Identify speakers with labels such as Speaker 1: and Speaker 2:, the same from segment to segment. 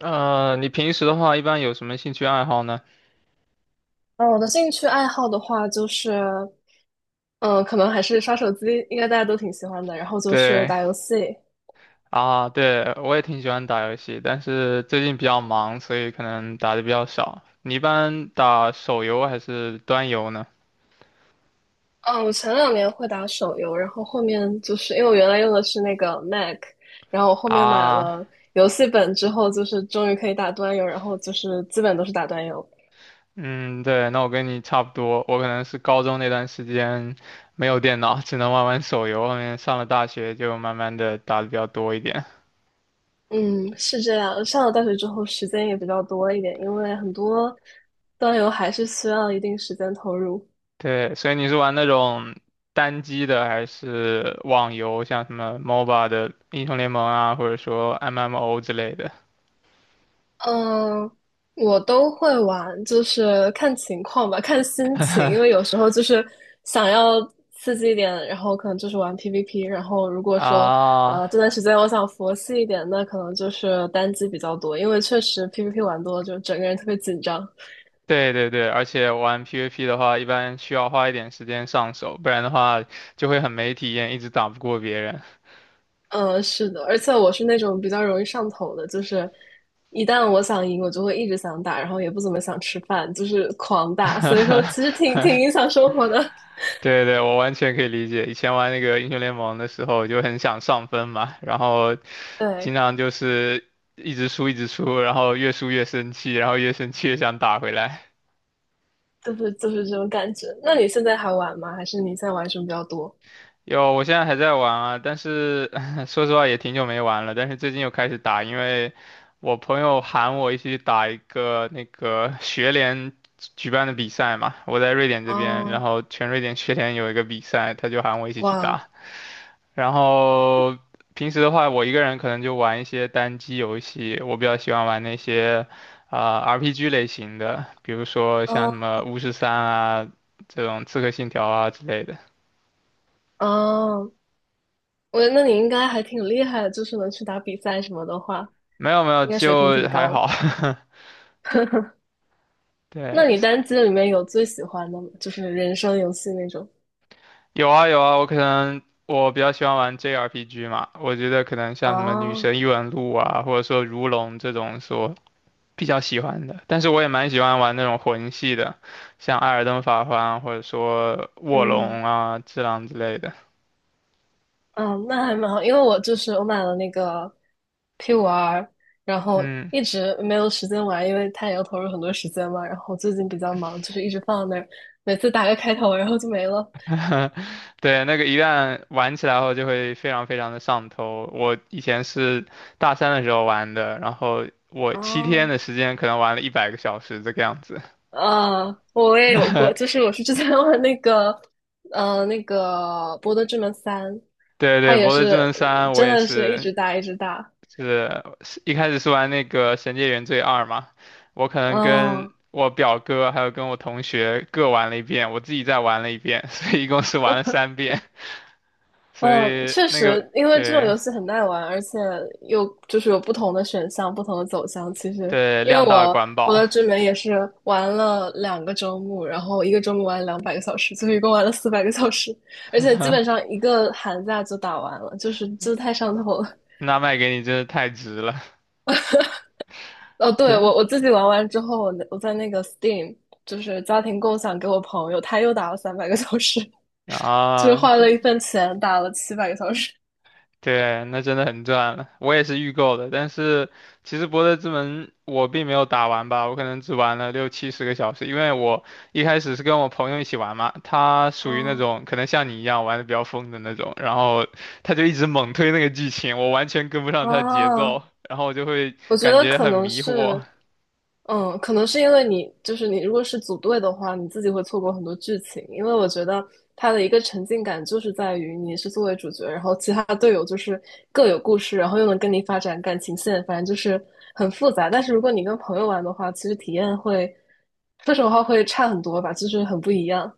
Speaker 1: 你平时的话一般有什么兴趣爱好呢？
Speaker 2: 嗯，我的兴趣爱好的话，就是，嗯，可能还是刷手机，应该大家都挺喜欢的。然后就是
Speaker 1: 对
Speaker 2: 打游戏，
Speaker 1: 啊，对，我也挺喜欢打游戏，但是最近比较忙，所以可能打的比较少。你一般打手游还是端游呢？
Speaker 2: 嗯，我前两年会打手游，然后后面就是因为我原来用的是那个 Mac，然后我后面买
Speaker 1: 啊，
Speaker 2: 了游戏本之后，就是终于可以打端游，然后就是基本都是打端游。
Speaker 1: 嗯，对，那我跟你差不多，我可能是高中那段时间没有电脑，只能玩玩手游，后面上了大学就慢慢的打的比较多一点。
Speaker 2: 嗯，是这样。上了大学之后，时间也比较多一点，因为很多端游还是需要一定时间投入。
Speaker 1: 对，所以你是玩那种单机的，还是网游，像什么 MOBA 的英雄联盟啊，或者说 MMO 之类的？
Speaker 2: 嗯，我都会玩，就是看情况吧，看心情，因为有 时候就是想要刺激一点，然后可能就是玩 PVP，然后如果说
Speaker 1: 啊，
Speaker 2: 这段时间我想佛系一点，那可能就是单机比较多，因为确实 PVP 玩多了就整个人特别紧张。
Speaker 1: 对对对，而且玩 PVP 的话，一般需要花一点时间上手，不然的话就会很没体验，一直打不过别人。
Speaker 2: 嗯，是的，而且我是那种比较容易上头的，就是一旦我想赢，我就会一直想打，然后也不怎么想吃饭，就是狂打，所以说其实挺 影响生活的，
Speaker 1: 对对，我完全可以理解。以前玩那个英雄联盟的时候，就很想上分嘛，然后 经
Speaker 2: 对。
Speaker 1: 常就是一直输一直输，然后越输越生气，然后越生气越想打回来。
Speaker 2: 就是这种感觉。那你现在还玩吗？还是你现在玩什么比较多？
Speaker 1: 有，我现在还在玩啊，但是 说实话也挺久没玩了，但是最近又开始打，因为我朋友喊我一起打一个那个学联举办的比赛嘛，我在瑞典这边，然
Speaker 2: 啊，
Speaker 1: 后全瑞典学联有一个比赛，他就喊我一起去
Speaker 2: 哇，
Speaker 1: 打。然后平时的话，我一个人可能就玩一些单机游戏，我比较喜欢玩那些啊、RPG 类型的，比如说像什
Speaker 2: 啊
Speaker 1: 么巫师三啊这种刺客信条啊之类的。
Speaker 2: 啊，我觉得那你应该还挺厉害的，就是能去打比赛什么的话，
Speaker 1: 没有没有，
Speaker 2: 应该水平挺
Speaker 1: 就还
Speaker 2: 高的。
Speaker 1: 好。
Speaker 2: 那
Speaker 1: 对，
Speaker 2: 你单机里面有最喜欢的吗？就是人生游戏那种？
Speaker 1: 有啊有啊，我可能我比较喜欢玩 JRPG 嘛，我觉得可能像什么《女
Speaker 2: 啊，
Speaker 1: 神异闻录》啊，或者说《如龙》这种说比较喜欢的，但是我也蛮喜欢玩那种魂系的，像《艾尔登法环》啊或者说《卧
Speaker 2: 嗯
Speaker 1: 龙》啊、《只狼》之类的。
Speaker 2: 嗯，那还蛮好，因为我就是我买了那个 P5R 然后
Speaker 1: 嗯，
Speaker 2: 一直没有时间玩，因为它也要投入很多时间嘛。然后最近比较忙，就是一直放在那儿，每次打个开头，然后就没了。
Speaker 1: 对，那个一旦玩起来后就会非常非常的上头。我以前是大三的时候玩的，然后我7天的
Speaker 2: 哦，
Speaker 1: 时间可能玩了100个小时这个样子。
Speaker 2: 我也有过，就是我是之前玩那个，呃，那个《博德之门三》，
Speaker 1: 对
Speaker 2: 它
Speaker 1: 对，
Speaker 2: 也
Speaker 1: 《博德
Speaker 2: 是
Speaker 1: 之门三》我
Speaker 2: 真
Speaker 1: 也
Speaker 2: 的是一
Speaker 1: 是
Speaker 2: 直打一直打，
Speaker 1: 是一开始是玩那个《神界原罪二》嘛，我可能跟
Speaker 2: 嗯
Speaker 1: 我表哥还有跟我同学各玩了一遍，我自己再玩了一遍，所以一共是玩了三遍。所
Speaker 2: 嗯，
Speaker 1: 以
Speaker 2: 确
Speaker 1: 那个
Speaker 2: 实，因为这种
Speaker 1: 对
Speaker 2: 游戏很耐玩，而且又就是有不同的选项、不同的走向。其实，
Speaker 1: 对
Speaker 2: 因为
Speaker 1: 量
Speaker 2: 我
Speaker 1: 大管
Speaker 2: 《博
Speaker 1: 饱，
Speaker 2: 德之门》也是玩了2个周末，然后一个周末玩两百个小时，所以一共玩了400个小时，而且基本上一个寒假就打完了，就是这太上头了。
Speaker 1: 那卖给你真是太值了。
Speaker 2: 哦，对，
Speaker 1: 对
Speaker 2: 我自己玩完之后，我在那个 Steam 就是家庭共享给我朋友，他又打了300个小时，就是
Speaker 1: 啊，
Speaker 2: 花了一份钱打了700个小时。
Speaker 1: 对，那真的很赚了。我也是预购的，但是其实《博德之门》我并没有打完吧，我可能只玩了六七十个小时，因为我一开始是跟我朋友一起玩嘛，他属于那
Speaker 2: 哦
Speaker 1: 种可能像你一样玩的比较疯的那种，然后他就一直猛推那个剧情，我完全跟不上他的节
Speaker 2: 哦，
Speaker 1: 奏，然后我就会
Speaker 2: 我觉
Speaker 1: 感
Speaker 2: 得
Speaker 1: 觉
Speaker 2: 可
Speaker 1: 很
Speaker 2: 能
Speaker 1: 迷惑。
Speaker 2: 是，嗯，可能是因为你就是你，如果是组队的话，你自己会错过很多剧情。因为我觉得它的一个沉浸感就是在于你是作为主角，然后其他队友就是各有故事，然后又能跟你发展感情线，反正就是很复杂。但是如果你跟朋友玩的话，其实体验会，说实话会差很多吧，就是很不一样。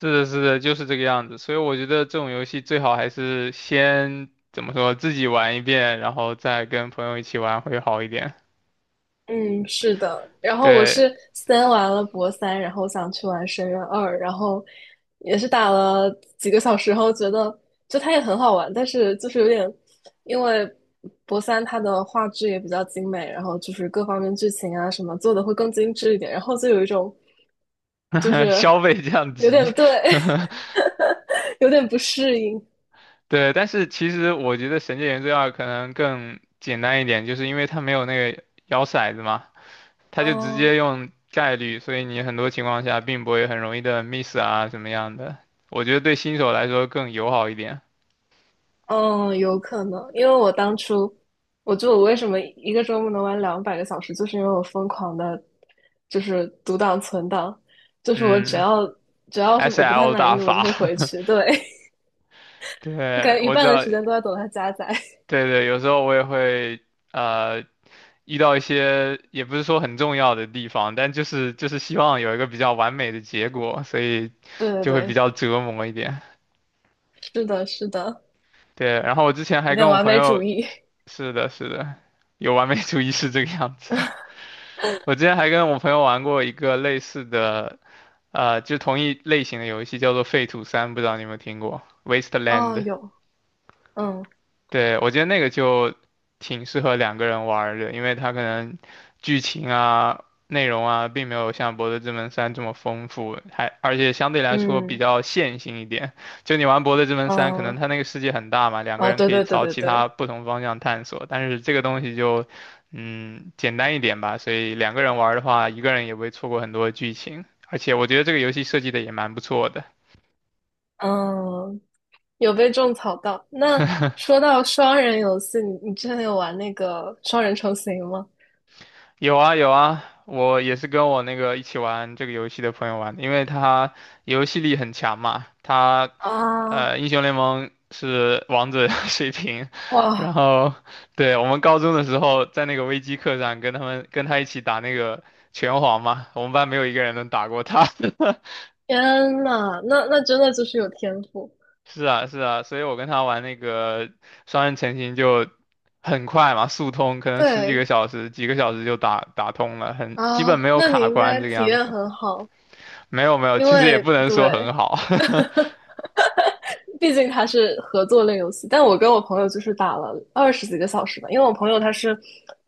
Speaker 1: 是的，是的，就是这个样子。所以我觉得这种游戏最好还是先怎么说，自己玩一遍，然后再跟朋友一起玩会好一点。
Speaker 2: 嗯，是的。然后我
Speaker 1: 对，
Speaker 2: 是先玩了博三，然后想去玩深渊二，然后也是打了几个小时后，觉得就它也很好玩，但是就是有点，因为博三它的画质也比较精美，然后就是各方面剧情啊什么做的会更精致一点，然后就有一种就 是
Speaker 1: 消费降
Speaker 2: 有
Speaker 1: 级，
Speaker 2: 点对，有点不适应。
Speaker 1: 对，但是其实我觉得《神界原罪二》可能更简单一点，就是因为它没有那个摇骰子嘛，它就直接用概率，所以你很多情况下并不会很容易的 miss 啊什么样的。我觉得对新手来说更友好一点。
Speaker 2: 嗯，有可能，因为我当初，我就我为什么一个周末能玩两百个小时，就是因为我疯狂的，就是读档存档，就是我只
Speaker 1: 嗯
Speaker 2: 要只要是我不太
Speaker 1: ，SL
Speaker 2: 满意
Speaker 1: 大
Speaker 2: 的，我就
Speaker 1: 法，
Speaker 2: 会回去。对，我感
Speaker 1: 对，
Speaker 2: 觉一
Speaker 1: 我知
Speaker 2: 半
Speaker 1: 道
Speaker 2: 的时间都在等它加载。
Speaker 1: 对对，有时候我也会呃遇到一些也不是说很重要的地方，但就是希望有一个比较完美的结果，所以
Speaker 2: 对对
Speaker 1: 就会比较
Speaker 2: 对，
Speaker 1: 折磨一点。
Speaker 2: 是的，是的，
Speaker 1: 对，然后我之前
Speaker 2: 有
Speaker 1: 还
Speaker 2: 点
Speaker 1: 跟我
Speaker 2: 完
Speaker 1: 朋
Speaker 2: 美主
Speaker 1: 友，
Speaker 2: 义。
Speaker 1: 是的，是的，有完美主义是这个样子。我之前还跟我朋友玩过一个类似的，就同一类型的游戏，叫做《废土三》，不知道你有没有听过《Wasteland》。
Speaker 2: 哦，有，嗯
Speaker 1: 对，我觉得那个就挺适合两个人玩儿的，因为它可能剧情啊、内容啊，并没有像《博德之门三》这么丰富，还而且相对来说比
Speaker 2: 嗯
Speaker 1: 较线性一点。就你玩《博德之门三》，可能
Speaker 2: 嗯，
Speaker 1: 它那个世界很大嘛，两个
Speaker 2: 哦，
Speaker 1: 人
Speaker 2: 对
Speaker 1: 可以
Speaker 2: 对对
Speaker 1: 朝
Speaker 2: 对
Speaker 1: 其他
Speaker 2: 对，
Speaker 1: 不同方向探索，但是这个东西就嗯简单一点吧，所以两个人玩儿的话，一个人也不会错过很多剧情，而且我觉得这个游戏设计的也蛮不错的。
Speaker 2: 嗯，有被种草到。那说到双人游戏，你之前有玩那个双人成行吗？
Speaker 1: 有啊有啊，我也是跟我那个一起玩这个游戏的朋友玩的因为他游戏力很强嘛，他
Speaker 2: 啊，
Speaker 1: 英雄联盟是王者 水平，然
Speaker 2: 哇，
Speaker 1: 后对我们高中的时候在那个微机课上跟他一起打那个拳皇嘛，我们班没有一个人能打过他。
Speaker 2: 天呐，那真的就是有天赋。
Speaker 1: 是啊是啊，所以我跟他玩那个双人成行就很快嘛，速通，可能十几个
Speaker 2: 对
Speaker 1: 小时几个小时就打通了，很基本没
Speaker 2: 啊，
Speaker 1: 有
Speaker 2: 那你
Speaker 1: 卡
Speaker 2: 应
Speaker 1: 关
Speaker 2: 该
Speaker 1: 这个
Speaker 2: 体
Speaker 1: 样
Speaker 2: 验
Speaker 1: 子。
Speaker 2: 很好，
Speaker 1: 没有没有，
Speaker 2: 因
Speaker 1: 其实也
Speaker 2: 为
Speaker 1: 不能说很
Speaker 2: 对，
Speaker 1: 好。
Speaker 2: 毕竟它是合作类游戏，但我跟我朋友就是打了二十几个小时吧，因为我朋友他是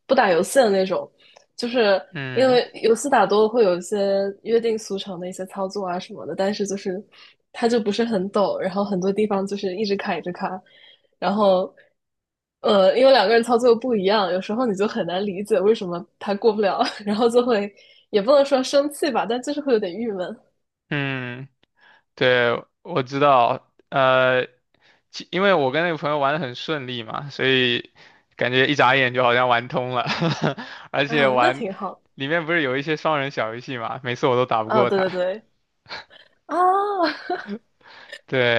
Speaker 2: 不打游戏的那种，就是 因
Speaker 1: 嗯
Speaker 2: 为游戏打多了会有一些约定俗成的一些操作啊什么的，但是就是他就不是很懂，然后很多地方就是一直卡一直卡，然后因为两个人操作不一样，有时候你就很难理解为什么他过不了，然后就会也不能说生气吧，但就是会有点郁闷
Speaker 1: 嗯，对，我知道。呃，因为我跟那个朋友玩的很顺利嘛，所以感觉一眨眼就好像玩通了，而且
Speaker 2: 啊，那
Speaker 1: 玩
Speaker 2: 挺好
Speaker 1: 里面不是有一些双人小游戏嘛，每次我都打不
Speaker 2: 啊，
Speaker 1: 过
Speaker 2: 对
Speaker 1: 他。
Speaker 2: 对对 啊。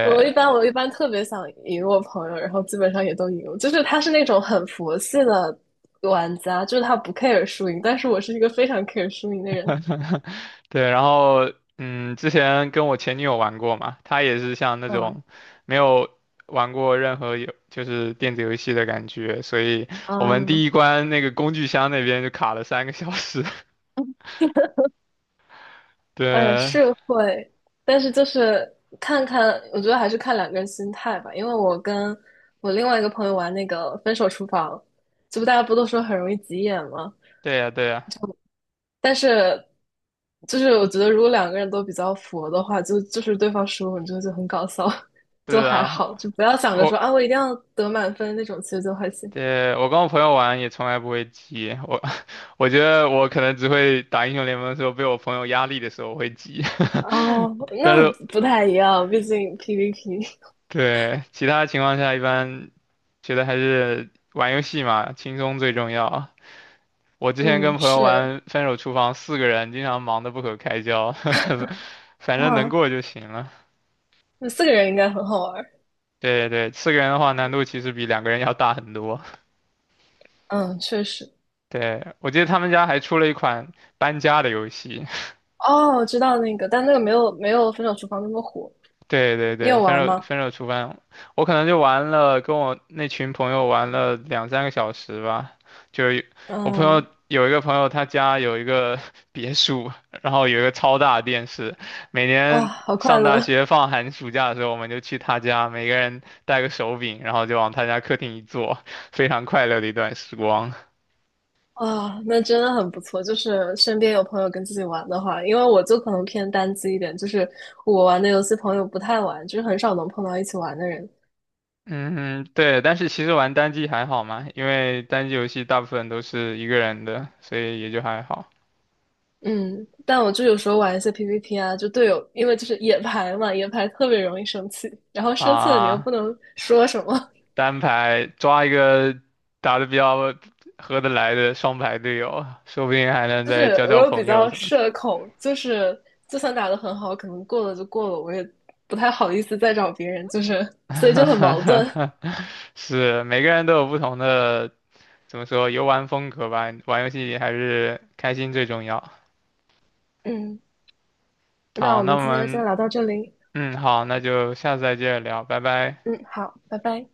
Speaker 2: 我一般我一般特别想赢我朋友，然后基本上也都赢。就是他是那种很佛系的玩家，就是他不 care 输赢，但是我是一个非常 care 输赢的人。
Speaker 1: 对，然后之前跟我前女友玩过嘛，她也是像那
Speaker 2: 嗯
Speaker 1: 种没有玩过任何有就是电子游戏的感觉，所以我们
Speaker 2: 嗯，
Speaker 1: 第一关那个工具箱那边就卡了三个小时。
Speaker 2: 哎，
Speaker 1: 对，
Speaker 2: 是会，但是就是看看，我觉得还是看两个人心态吧。因为我跟我另外一个朋友玩那个《分手厨房》，这不大家不都说很容易急眼吗？
Speaker 1: 对呀，对呀，
Speaker 2: 但是就是我觉得如果两个人都比较佛的话，就是对方输了，你就很搞笑，就
Speaker 1: 对
Speaker 2: 还
Speaker 1: 啊，
Speaker 2: 好，就不要想着说
Speaker 1: 我
Speaker 2: 啊我一定要得满分那种，其实就还行。
Speaker 1: 对我跟我朋友玩也从来不会急，我 我觉得我可能只会打英雄联盟的时候被我朋友压力的时候会急，
Speaker 2: 哦，
Speaker 1: 但
Speaker 2: 那
Speaker 1: 是
Speaker 2: 不太一样，毕竟 PVP。
Speaker 1: 对，其他情况下一般觉得还是玩游戏嘛，轻松最重要。我 之前
Speaker 2: 嗯，
Speaker 1: 跟朋友
Speaker 2: 是
Speaker 1: 玩《分手厨房》，四个人经常忙得不可开交，反正能
Speaker 2: 哇，
Speaker 1: 过就行了。
Speaker 2: 那四个人应该很好玩儿
Speaker 1: 对对，对，四个人的话难度其实比两个人要大很多。
Speaker 2: 嗯，确实。
Speaker 1: 对，我记得他们家还出了一款搬家的游戏，
Speaker 2: 哦，知道那个，但那个没有没有《分手厨房》那么火。
Speaker 1: 对对
Speaker 2: 你
Speaker 1: 对，
Speaker 2: 有
Speaker 1: 分
Speaker 2: 玩
Speaker 1: 手
Speaker 2: 吗？
Speaker 1: 分手厨房，我可能就玩了，跟我那群朋友玩了两三个小时吧。就是我朋友
Speaker 2: 嗯，
Speaker 1: 有一个朋友，他家有一个 别墅，然后有一个超大的电视。每
Speaker 2: 哇，
Speaker 1: 年
Speaker 2: 好快
Speaker 1: 上大
Speaker 2: 乐。
Speaker 1: 学放寒暑假的时候，我们就去他家，每个人带个手柄，然后就往他家客厅一坐，非常快乐的一段时光。
Speaker 2: 啊，那真的很不错。就是身边有朋友跟自己玩的话，因为我就可能偏单机一点，就是我玩的游戏朋友不太玩，就是很少能碰到一起玩的人。
Speaker 1: 嗯，对，但是其实玩单机还好嘛，因为单机游戏大部分都是一个人的，所以也就还好
Speaker 2: 嗯，但我就有时候玩一些 PVP 啊，就队友，因为就是野排嘛，野排特别容易生气，然后生气了你又不
Speaker 1: 啊。
Speaker 2: 能说什么，
Speaker 1: 单排抓一个打得比较合得来的双排队友，说不定还 能
Speaker 2: 就是
Speaker 1: 再交
Speaker 2: 我
Speaker 1: 交
Speaker 2: 又比
Speaker 1: 朋友
Speaker 2: 较
Speaker 1: 什么的。
Speaker 2: 社恐，就是就算打得很好，可能过了就过了，我也不太好意思再找别人，就是所以就很矛盾。
Speaker 1: 是，每个人都有不同的，怎么说，游玩风格吧。玩游戏还是开心最重要。
Speaker 2: 嗯，那
Speaker 1: 好，
Speaker 2: 我
Speaker 1: 那
Speaker 2: 们
Speaker 1: 我
Speaker 2: 今天先
Speaker 1: 们，
Speaker 2: 聊到这里。
Speaker 1: 嗯，好，那就下次再接着聊，拜拜。
Speaker 2: 嗯，好，拜拜。